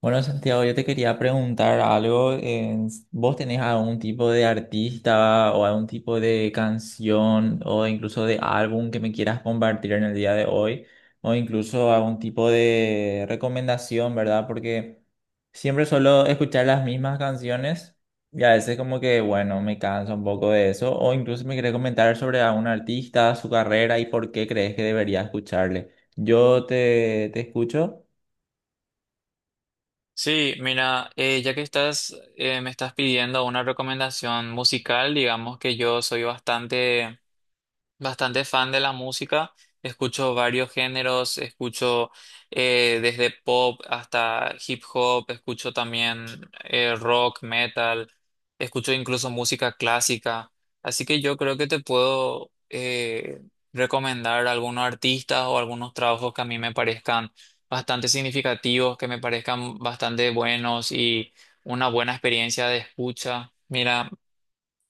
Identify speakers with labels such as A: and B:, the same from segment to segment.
A: Bueno, Santiago, yo te quería preguntar algo. ¿Vos tenés algún tipo de artista o algún tipo de canción o incluso de álbum que me quieras compartir en el día de hoy? O incluso algún tipo de recomendación, ¿verdad? Porque siempre suelo escuchar las mismas canciones y a veces como que, bueno, me canso un poco de eso. O incluso me querés comentar sobre algún artista, su carrera y por qué crees que debería escucharle. Yo te escucho.
B: Sí, mira, ya que estás, me estás pidiendo una recomendación musical, digamos que yo soy bastante fan de la música, escucho varios géneros, escucho desde pop hasta hip hop, escucho también rock, metal, escucho incluso música clásica, así que yo creo que te puedo recomendar algunos artistas o algunos trabajos que a mí me parezcan bastante significativos, que me parezcan bastante buenos y una buena experiencia de escucha. Mira.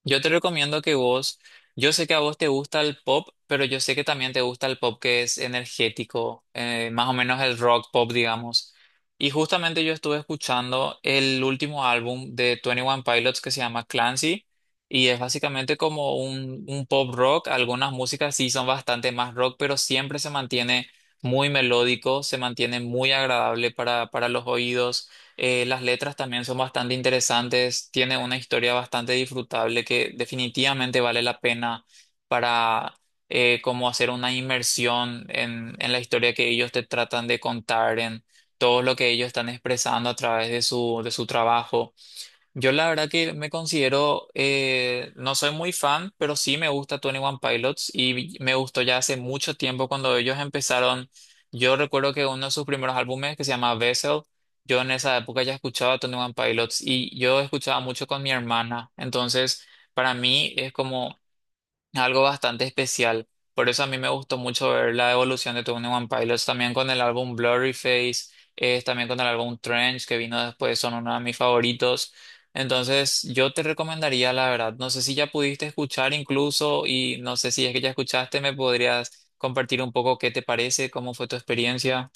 B: Yo te recomiendo que vos, yo sé que a vos te gusta el pop, pero yo sé que también te gusta el pop que es energético, más o menos el rock pop, digamos. Y justamente yo estuve escuchando el último álbum de Twenty One Pilots que se llama Clancy y es básicamente como un pop rock. Algunas músicas sí son bastante más rock, pero siempre se mantiene muy melódico, se mantiene muy agradable para los oídos. Las letras también son bastante interesantes, tiene una historia bastante disfrutable que definitivamente vale la pena para como hacer una inmersión en la historia que ellos te tratan de contar, en todo lo que ellos están expresando a través de su trabajo. Yo la verdad que me considero, no soy muy fan, pero sí me gusta Twenty One Pilots y me gustó ya hace mucho tiempo cuando ellos empezaron. Yo recuerdo que uno de sus primeros álbumes que se llama Vessel, yo en esa época ya escuchaba Twenty One Pilots y yo escuchaba mucho con mi hermana. Entonces, para mí es como algo bastante especial. Por eso a mí me gustó mucho ver la evolución de Twenty One Pilots, también con el álbum Blurry Face, también con el álbum Trench que vino después, son uno de mis favoritos. Entonces, yo te recomendaría, la verdad, no sé si ya pudiste escuchar incluso y no sé si es que ya escuchaste, me podrías compartir un poco qué te parece, cómo fue tu experiencia.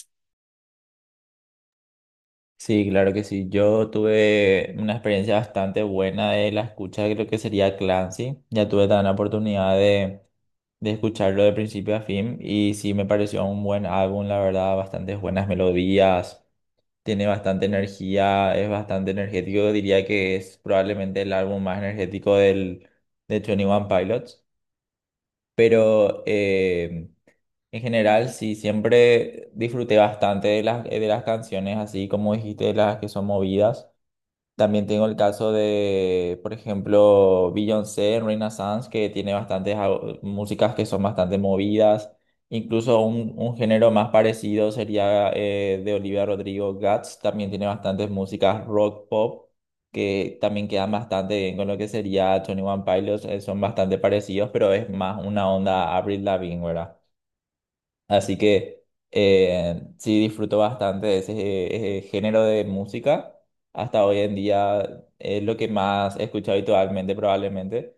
A: Sí, claro que sí. Yo tuve una experiencia bastante buena de la escucha de lo que sería Clancy. Ya tuve también la oportunidad de escucharlo de principio a fin y sí me pareció un buen álbum, la verdad, bastantes buenas melodías, tiene bastante energía, es bastante energético. Diría que es probablemente el álbum más energético de Twenty One Pilots, pero... en general, sí, siempre disfruté bastante de las canciones, así como dijiste, de las que son movidas. También tengo el caso de, por ejemplo, Beyoncé, Renaissance, que tiene bastantes músicas que son bastante movidas. Incluso un género más parecido sería de Olivia Rodrigo, Guts. También tiene bastantes músicas rock pop que también quedan bastante bien con lo que sería Tony One Pilots. Son bastante parecidos, pero es más una onda Avril Lavigne, ¿verdad? Así que sí disfruto bastante de ese, género de música. Hasta hoy en día es lo que más he escuchado habitualmente probablemente.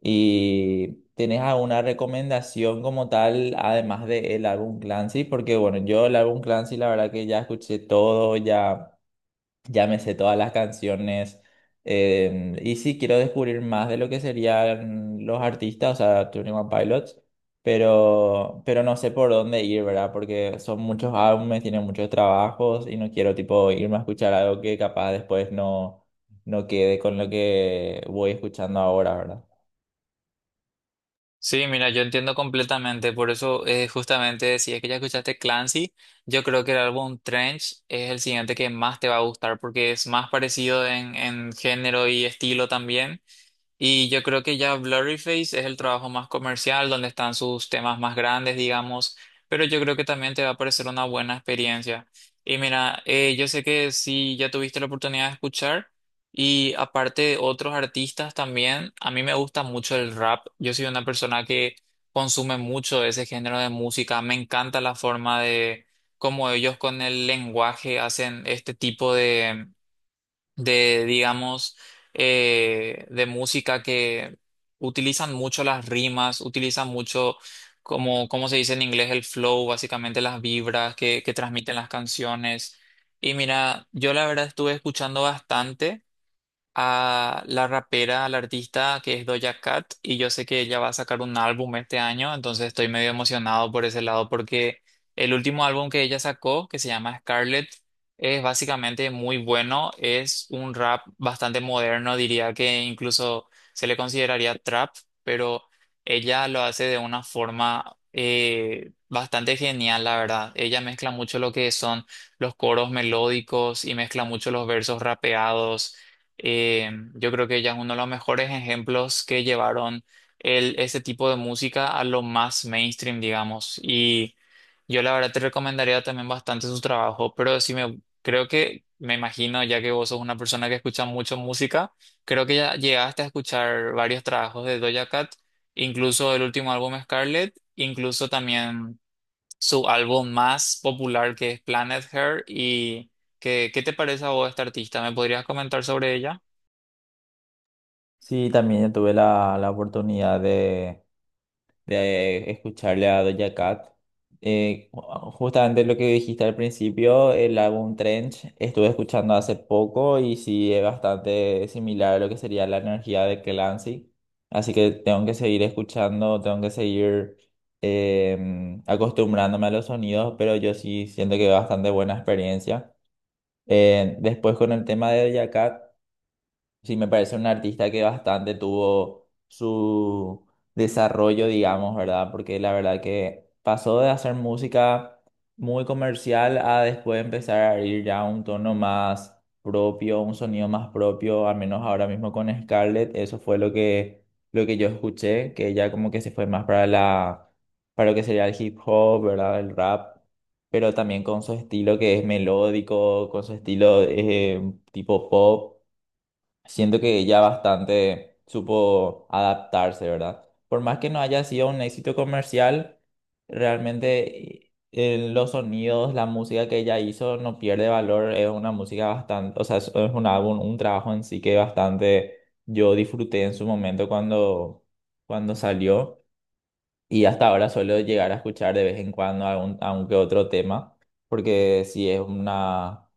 A: ¿Y tenés alguna recomendación como tal, además del álbum Clancy? Porque bueno, yo el álbum Clancy la verdad que ya escuché todo, ya... Ya me sé todas las canciones. Y sí, quiero descubrir más de lo que serían los artistas, o sea, 21 Pilots, pero no sé por dónde ir, ¿verdad? Porque son muchos álbumes, tienen muchos trabajos y no quiero, tipo, irme a escuchar algo que capaz después no quede con lo que voy escuchando ahora, ¿verdad?
B: Sí, mira, yo entiendo completamente, por eso justamente si es que ya escuchaste Clancy, yo creo que el álbum Trench es el siguiente que más te va a gustar porque es más parecido en género y estilo también. Y yo creo que ya Blurryface es el trabajo más comercial, donde están sus temas más grandes, digamos, pero yo creo que también te va a parecer una buena experiencia. Y mira, yo sé que si ya tuviste la oportunidad de escuchar, y aparte de otros artistas también, a mí me gusta mucho el rap. Yo soy una persona que consume mucho ese género de música, me encanta la forma de cómo ellos con el lenguaje hacen este tipo de, digamos, de música que utilizan mucho las rimas, utilizan mucho, como, como se dice en inglés, el flow, básicamente las vibras que transmiten las canciones. Y mira, yo la verdad estuve escuchando bastante a la rapera, a la artista que es Doja Cat y yo sé que ella va a sacar un álbum este año, entonces estoy medio emocionado por ese lado porque el último álbum que ella sacó, que se llama Scarlet, es básicamente muy bueno, es un rap bastante moderno, diría que incluso se le consideraría trap, pero ella lo hace de una forma bastante genial, la verdad. Ella mezcla mucho lo que son los coros melódicos y mezcla mucho los versos rapeados. Yo creo que ella es uno de los mejores ejemplos que llevaron el, ese tipo de música a lo más mainstream, digamos. Y yo la verdad te recomendaría también bastante su trabajo, pero sí me creo que me imagino, ya que vos sos una persona que escucha mucho música, creo que ya llegaste a escuchar varios trabajos de Doja Cat, incluso el último álbum Scarlet, incluso también su álbum más popular que es Planet Her. ¿Y qué te parece a vos esta artista? ¿Me podrías comentar sobre ella?
A: Sí, también yo tuve la oportunidad de escucharle a Doja Cat. Eh, Justamente lo que dijiste al principio, el álbum Trench, estuve escuchando hace poco y sí es bastante similar a lo que sería la energía de Clancy. Así que tengo que seguir escuchando, tengo que seguir acostumbrándome a los sonidos, pero yo sí siento que es bastante buena experiencia. Después con el tema de Doja Cat. Sí, me parece un artista que bastante tuvo su desarrollo, digamos, ¿verdad? Porque la verdad que pasó de hacer música muy comercial a después empezar a ir ya a un tono más propio, un sonido más propio, al menos ahora mismo con Scarlett, eso fue lo que yo escuché, que ella como que se fue más para la, para lo que sería el hip hop, ¿verdad? El rap pero también con su estilo que es melódico, con su estilo tipo pop. Siento que ella bastante supo adaptarse, ¿verdad? Por más que no haya sido un éxito comercial, realmente los sonidos, la música que ella hizo no pierde valor. Es una música bastante, o sea, es un álbum, un trabajo en sí que bastante yo disfruté en su momento cuando, cuando salió. Y hasta ahora suelo llegar a escuchar de vez en cuando algún, algún que otro tema, porque sí es una,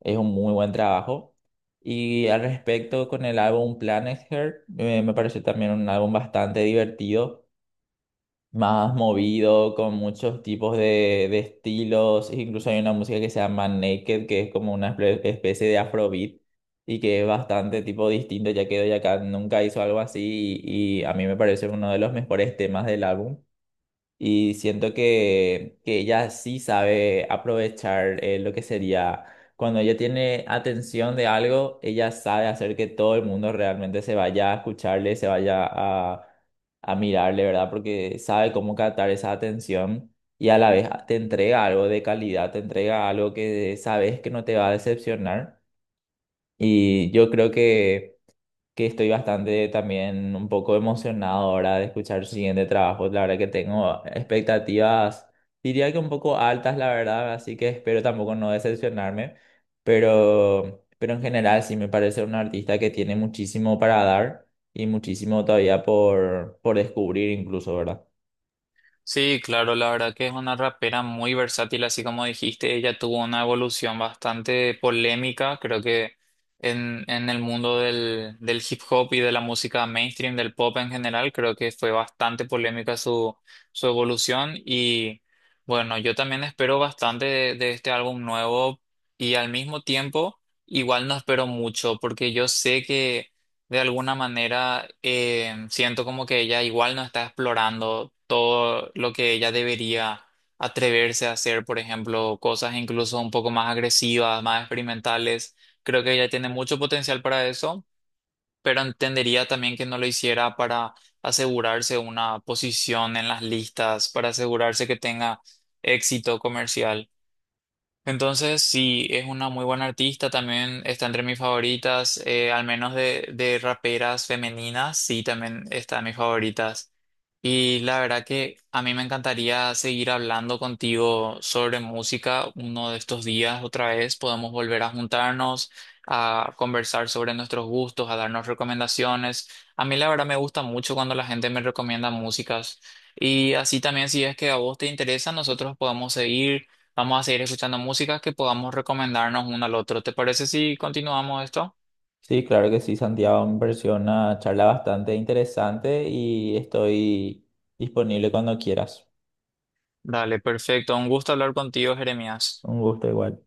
A: es un muy buen trabajo. Y al respecto con el álbum Planet Her, me pareció también un álbum bastante divertido, más movido, con muchos tipos de estilos. Incluso hay una música que se llama Naked, que es como una especie de afrobeat y que es bastante tipo distinto, ya que Doja Cat nunca hizo algo así y a mí me parece uno de los mejores temas del álbum. Y siento que ella sí sabe aprovechar lo que sería, cuando ella tiene atención de algo, ella sabe hacer que todo el mundo realmente se vaya a escucharle, se vaya a mirarle, ¿verdad? Porque sabe cómo captar esa atención y a la vez te entrega algo de calidad, te entrega algo que sabes que no te va a decepcionar. Y yo creo que estoy bastante también un poco emocionado ahora de escuchar su siguiente trabajo. La verdad que tengo expectativas, diría que un poco altas, la verdad, así que espero tampoco no decepcionarme, pero en general sí me parece un artista que tiene muchísimo para dar y muchísimo todavía por descubrir incluso, ¿verdad?
B: Sí, claro, la verdad que es una rapera muy versátil, así como dijiste, ella tuvo una evolución bastante polémica, creo que en el mundo del hip hop y de la música mainstream, del pop en general, creo que fue bastante polémica su evolución y bueno, yo también espero bastante de este álbum nuevo y al mismo tiempo igual no espero mucho porque yo sé que de alguna manera siento como que ella igual no está explorando todo lo que ella debería atreverse a hacer, por ejemplo, cosas incluso un poco más agresivas, más experimentales. Creo que ella tiene mucho potencial para eso, pero entendería también que no lo hiciera para asegurarse una posición en las listas, para asegurarse que tenga éxito comercial. Entonces, sí, es una muy buena artista, también está entre mis favoritas, al menos de raperas femeninas, sí, también está en mis favoritas. Y la verdad que a mí me encantaría seguir hablando contigo sobre música uno de estos días otra vez, podemos volver a juntarnos, a conversar sobre nuestros gustos, a darnos recomendaciones. A mí la verdad me gusta mucho cuando la gente me recomienda músicas. Y así también si es que a vos te interesa, nosotros podemos seguir Vamos a seguir escuchando música que podamos recomendarnos uno al otro. ¿Te parece si continuamos esto?
A: Sí, claro que sí, Santiago, me pareció una charla bastante interesante y estoy disponible cuando quieras.
B: Dale, perfecto. Un gusto hablar contigo, Jeremías.
A: Un gusto igual.